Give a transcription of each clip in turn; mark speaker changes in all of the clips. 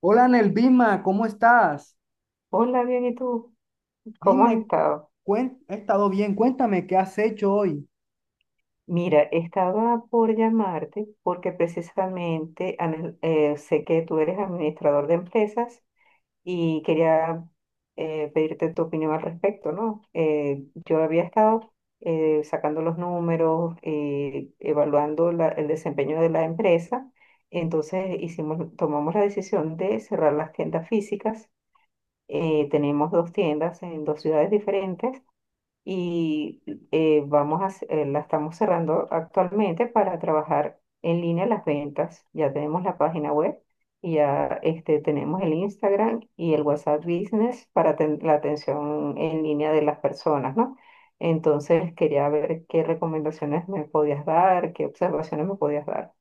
Speaker 1: Hola Nelvima, ¿cómo estás?
Speaker 2: Hola, bien, ¿y tú? ¿Cómo has
Speaker 1: Dime,
Speaker 2: estado?
Speaker 1: he estado bien, cuéntame qué has hecho hoy.
Speaker 2: Mira, estaba por llamarte porque precisamente sé que tú eres administrador de empresas y quería pedirte tu opinión al respecto, ¿no? Yo había estado sacando los números, evaluando el desempeño de la empresa. Entonces tomamos la decisión de cerrar las tiendas físicas. Tenemos dos tiendas en dos ciudades diferentes y la estamos cerrando actualmente para trabajar en línea las ventas. Ya tenemos la página web y ya tenemos el Instagram y el WhatsApp Business para la atención en línea de las personas, ¿no? Entonces quería ver qué recomendaciones me podías dar, qué observaciones me podías dar.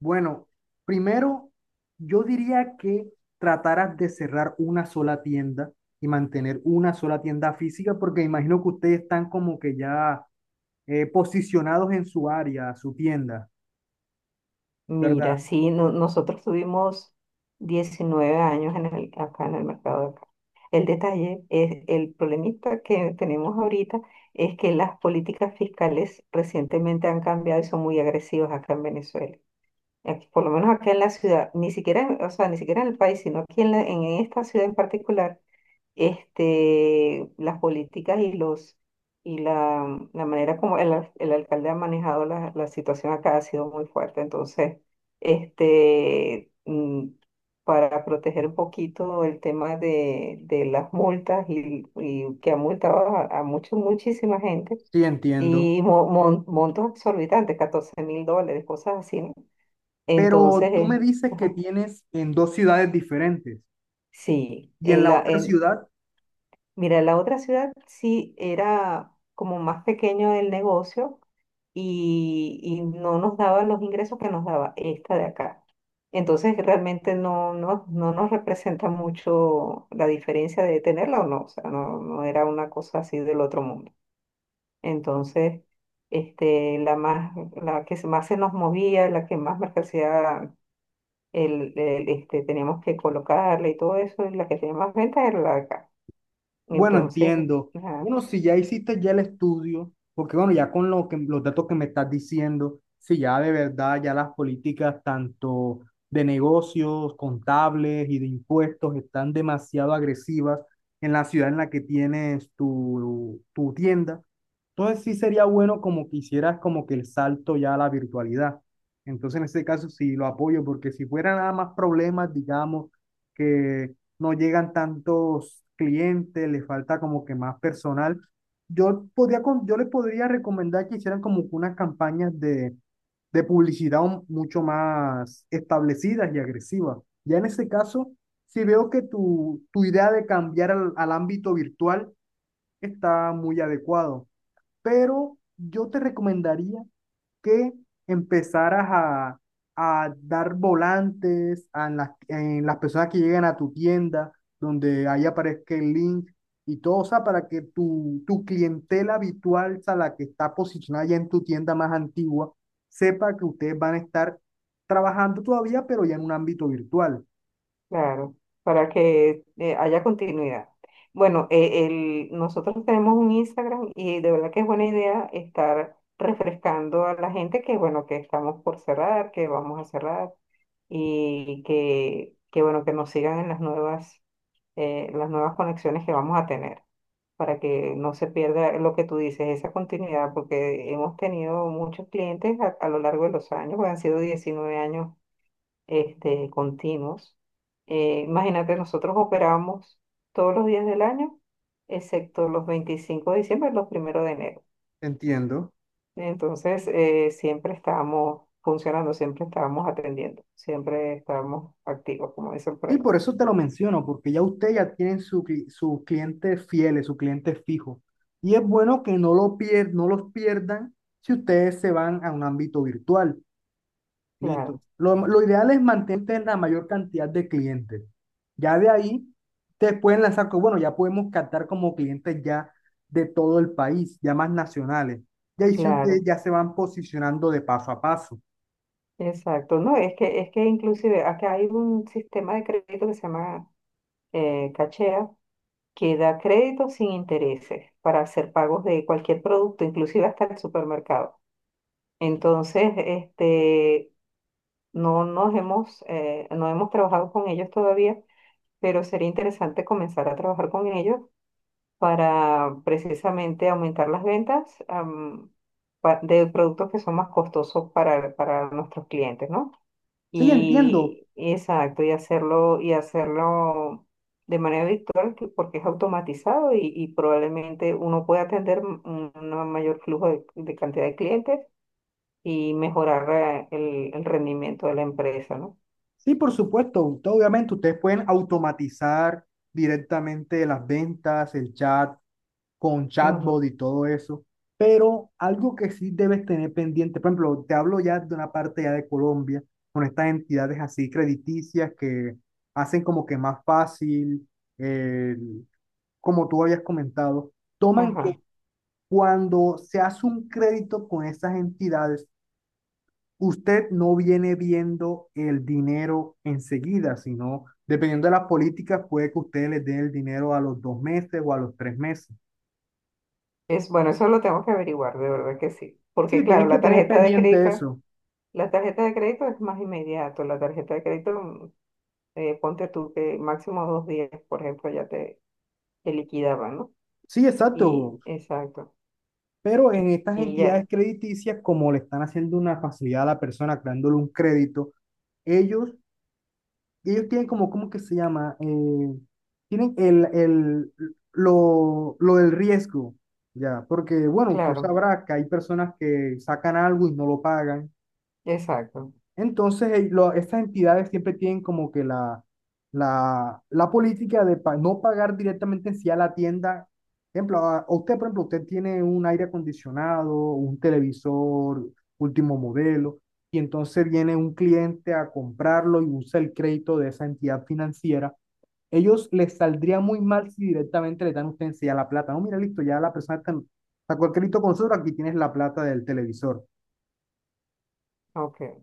Speaker 1: Bueno, primero yo diría que trataras de cerrar una sola tienda y mantener una sola tienda física porque imagino que ustedes están como que ya posicionados en su área, su tienda,
Speaker 2: Mira,
Speaker 1: ¿verdad?
Speaker 2: sí, nosotros tuvimos 19 años en acá en el mercado. El detalle es el problemita que tenemos ahorita es que las políticas fiscales recientemente han cambiado y son muy agresivas acá en Venezuela. Por lo menos acá en la ciudad, ni siquiera, o sea, ni siquiera en el país, sino aquí en esta ciudad en particular las políticas y los y la manera como el alcalde ha manejado la situación acá ha sido muy fuerte. Entonces, este, mm, para proteger un poquito el tema de las multas y que ha multado a muchísima gente.
Speaker 1: Sí, entiendo.
Speaker 2: Y montos exorbitantes, $14.000, cosas así, ¿no?
Speaker 1: Pero
Speaker 2: Entonces,
Speaker 1: tú me dices que
Speaker 2: ajá,
Speaker 1: tienes en dos ciudades diferentes
Speaker 2: sí,
Speaker 1: y en la otra
Speaker 2: en.
Speaker 1: ciudad.
Speaker 2: Mira, la otra ciudad sí era como más pequeño el negocio y no nos daba los ingresos que nos daba esta de acá. Entonces realmente no nos representa mucho la diferencia de tenerla o no. O sea, no era una cosa así del otro mundo. Entonces, la más, la que más se nos movía, la que más mercancía teníamos que colocarle y todo eso, y la que tenía más ventas era la de acá.
Speaker 1: Bueno,
Speaker 2: Entonces,
Speaker 1: entiendo.
Speaker 2: ajá.
Speaker 1: Bueno, si ya hiciste ya el estudio, porque bueno, ya con lo que, los datos que me estás diciendo, si ya de verdad ya las políticas tanto de negocios, contables y de impuestos están demasiado agresivas en la ciudad en la que tienes tu tienda, entonces sí sería bueno como que hicieras como que el salto ya a la virtualidad. Entonces en este caso sí lo apoyo, porque si fuera nada más problemas, digamos, que no llegan tantos clientes, le falta como que más personal. Yo podría, yo les podría recomendar que hicieran como que unas campañas de publicidad mucho más establecidas y agresivas. Ya en ese caso, si veo que tu idea de cambiar al ámbito virtual está muy adecuado, pero yo te recomendaría que empezaras a dar volantes a en las personas que lleguen a tu tienda, donde ahí aparezca el link y todo, o sea, para que tu clientela habitual, o sea, la que está posicionada ya en tu tienda más antigua, sepa que ustedes van a estar trabajando todavía, pero ya en un ámbito virtual.
Speaker 2: Claro, para que haya continuidad. Bueno, nosotros tenemos un Instagram y de verdad que es buena idea estar refrescando a la gente que, bueno, que estamos por cerrar, que vamos a cerrar y que bueno, que nos sigan en las nuevas conexiones que vamos a tener para que no se pierda lo que tú dices, esa continuidad, porque hemos tenido muchos clientes a lo largo de los años, pues han sido 19 años continuos. Imagínate, nosotros operamos todos los días del año, excepto los 25 de diciembre y los primeros de enero.
Speaker 1: Entiendo.
Speaker 2: Entonces, siempre estábamos funcionando, siempre estábamos atendiendo, siempre estábamos activos, como dicen por
Speaker 1: Sí,
Speaker 2: ahí.
Speaker 1: por eso te lo menciono, porque ya usted ya tiene su, sus clientes fieles, sus clientes fijos. Y es bueno que no, no los pierdan si ustedes se van a un ámbito virtual. Listo.
Speaker 2: Claro,
Speaker 1: Lo ideal es mantener la mayor cantidad de clientes. Ya de ahí, ustedes pueden lanzar, bueno, ya podemos captar como clientes ya de todo el país, ya más nacionales. Y ahí sí ustedes
Speaker 2: claro,
Speaker 1: ya se van posicionando de paso a paso.
Speaker 2: exacto. No, es que inclusive acá hay un sistema de crédito que se llama Cachea, que da crédito sin intereses para hacer pagos de cualquier producto, inclusive hasta el supermercado. Entonces, no nos hemos, no hemos trabajado con ellos todavía, pero sería interesante comenzar a trabajar con ellos para precisamente aumentar las ventas, de productos que son más costosos para nuestros clientes, ¿no?
Speaker 1: Sí, entiendo.
Speaker 2: Y exacto, y hacerlo, y hacerlo de manera virtual porque es automatizado y probablemente uno puede atender un mayor flujo de cantidad de clientes y mejorar el rendimiento de la empresa, ¿no?
Speaker 1: Sí, por supuesto. Obviamente, ustedes pueden automatizar directamente las ventas, el chat, con
Speaker 2: Ujú.
Speaker 1: chatbot y todo eso. Pero algo que sí debes tener pendiente, por ejemplo, te hablo ya de una parte ya de Colombia, con estas entidades así crediticias que hacen como que más fácil, eh, como tú habías comentado, toman
Speaker 2: Ajá.
Speaker 1: que cuando se hace un crédito con esas entidades, usted no viene viendo el dinero enseguida, sino dependiendo de las políticas, puede que usted le dé el dinero a los 2 meses o a los 3 meses.
Speaker 2: Es bueno, eso lo tengo que averiguar, de verdad que sí.
Speaker 1: Sí,
Speaker 2: Porque claro,
Speaker 1: tienes que
Speaker 2: la
Speaker 1: tener
Speaker 2: tarjeta de
Speaker 1: pendiente
Speaker 2: crédito,
Speaker 1: eso.
Speaker 2: la tarjeta de crédito es más inmediato. La tarjeta de crédito, ponte tú que máximo 2 días, por ejemplo, te liquidaban, ¿no?
Speaker 1: Sí,
Speaker 2: Y
Speaker 1: exacto.
Speaker 2: exacto.
Speaker 1: Pero en estas
Speaker 2: Y ya,
Speaker 1: entidades crediticias, como le están haciendo una facilidad a la persona, creándole un crédito, ellos, ellos tienen como, ¿cómo que se llama? Tienen el, lo del riesgo, ya, porque bueno, tú
Speaker 2: claro,
Speaker 1: sabrás que hay personas que sacan algo y no lo pagan.
Speaker 2: exacto.
Speaker 1: Entonces, estas entidades siempre tienen como que la, la política de no pagar directamente en sí a la tienda. Ejemplo, a usted, por ejemplo, usted tiene un aire acondicionado, un televisor último modelo, y entonces viene un cliente a comprarlo y usa el crédito de esa entidad financiera. Ellos les saldría muy mal si directamente le dan a usted en sí a la plata. No, mira, listo, ya la persona sacó el crédito con nosotros, aquí tienes la plata del televisor.
Speaker 2: Ok.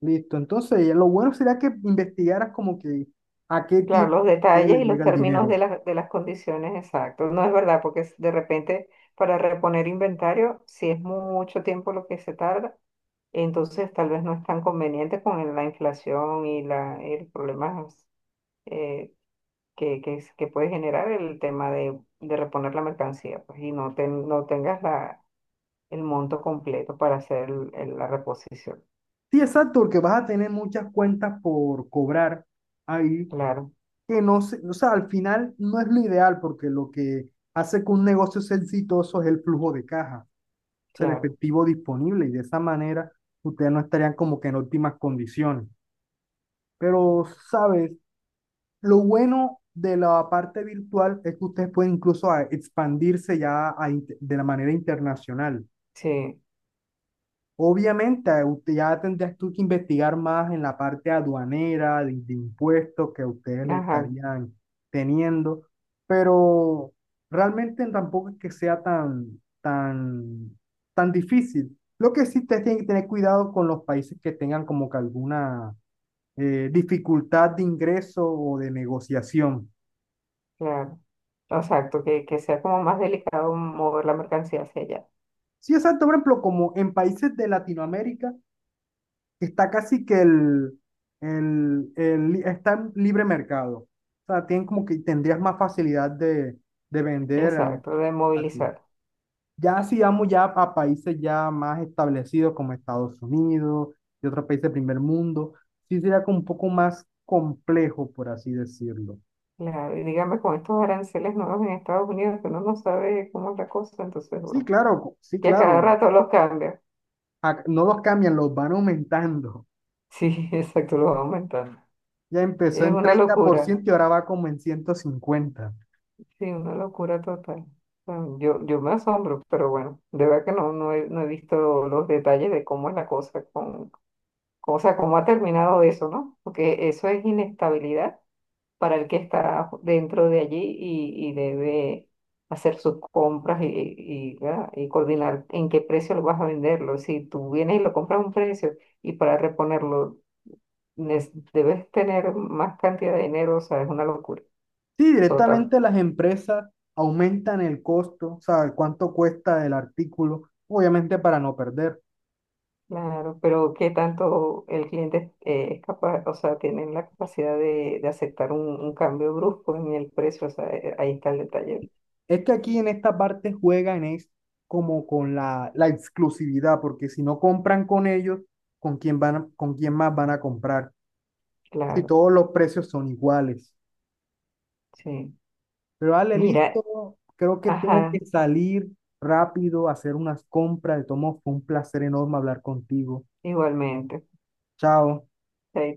Speaker 1: Listo, entonces ya lo bueno sería que investigaras como que a qué
Speaker 2: Claro,
Speaker 1: tiempo
Speaker 2: los detalles
Speaker 1: le
Speaker 2: y los
Speaker 1: llega el
Speaker 2: términos
Speaker 1: dinero.
Speaker 2: de de las condiciones exactos. No es verdad, porque de repente para reponer inventario, si es mucho tiempo lo que se tarda, entonces tal vez no es tan conveniente con la inflación y el problema eh, que puede generar el tema de reponer la mercancía, pues, y no tengas el monto completo para hacer la reposición.
Speaker 1: Sí, exacto, porque vas a tener muchas cuentas por cobrar ahí,
Speaker 2: Claro,
Speaker 1: que no se, o sea, al final no es lo ideal, porque lo que hace que un negocio sea exitoso es el flujo de caja, o sea, el
Speaker 2: claro,
Speaker 1: efectivo disponible, y de esa manera ustedes no estarían como que en óptimas condiciones. Pero, ¿sabes? Lo bueno de la parte virtual es que ustedes pueden incluso expandirse ya a de la manera internacional.
Speaker 2: sí,
Speaker 1: Obviamente, ya tendrías tú que investigar más en la parte aduanera, de impuestos que ustedes le
Speaker 2: ajá,
Speaker 1: estarían teniendo, pero realmente tampoco es que sea tan, tan, tan difícil. Lo que sí ustedes tienen que tener cuidado con los países que tengan como que alguna dificultad de ingreso o de negociación.
Speaker 2: claro. Exacto, que sea como más delicado mover la mercancía hacia allá.
Speaker 1: Sí, exacto, por ejemplo, como en países de Latinoamérica. Está casi que está en libre mercado. O sea, tienen como que tendrías más facilidad de vender a
Speaker 2: Exacto, de
Speaker 1: así.
Speaker 2: movilizar.
Speaker 1: Ya si vamos ya a países ya más establecidos como Estados Unidos y otros países del primer mundo, sí sería como un poco más complejo, por así decirlo.
Speaker 2: Claro, y dígame con estos aranceles nuevos en Estados Unidos que uno no sabe cómo es la cosa, entonces,
Speaker 1: Sí,
Speaker 2: bueno,
Speaker 1: claro, sí,
Speaker 2: que a
Speaker 1: claro.
Speaker 2: cada rato los cambia.
Speaker 1: No los cambian, los van aumentando.
Speaker 2: Sí, exacto, los va aumentando.
Speaker 1: Ya empezó
Speaker 2: Es
Speaker 1: en
Speaker 2: una
Speaker 1: treinta por
Speaker 2: locura,
Speaker 1: ciento y ahora va como en 150.
Speaker 2: sí, una locura total. Bueno, yo me asombro, pero bueno, de verdad que no he visto los detalles de cómo es la cosa, con, o sea, cómo ha terminado eso, ¿no? Porque eso es inestabilidad para el que está dentro de allí y debe hacer sus compras y, ¿verdad? Y coordinar en qué precio lo vas a venderlo. Si tú vienes y lo compras a un precio y para reponerlo debes tener más cantidad de dinero, o sea, es una locura
Speaker 1: Sí,
Speaker 2: total.
Speaker 1: directamente las empresas aumentan el costo, o sea, cuánto cuesta el artículo, obviamente para no perder.
Speaker 2: Claro, pero ¿qué tanto el cliente es capaz, o sea, tiene la capacidad de aceptar un cambio brusco en el precio? O sea, ahí está el detalle.
Speaker 1: Es que aquí en esta parte juegan es como con la, la exclusividad, porque si no compran con ellos, ¿con quién van, con quién más van a comprar? Si
Speaker 2: Claro,
Speaker 1: todos los precios son iguales.
Speaker 2: sí.
Speaker 1: Pero dale,
Speaker 2: Mira,
Speaker 1: listo, creo que tengo
Speaker 2: ajá,
Speaker 1: que salir rápido a hacer unas compras. De todos modos, fue un placer enorme hablar contigo.
Speaker 2: igualmente.
Speaker 1: Chao.
Speaker 2: Chaito.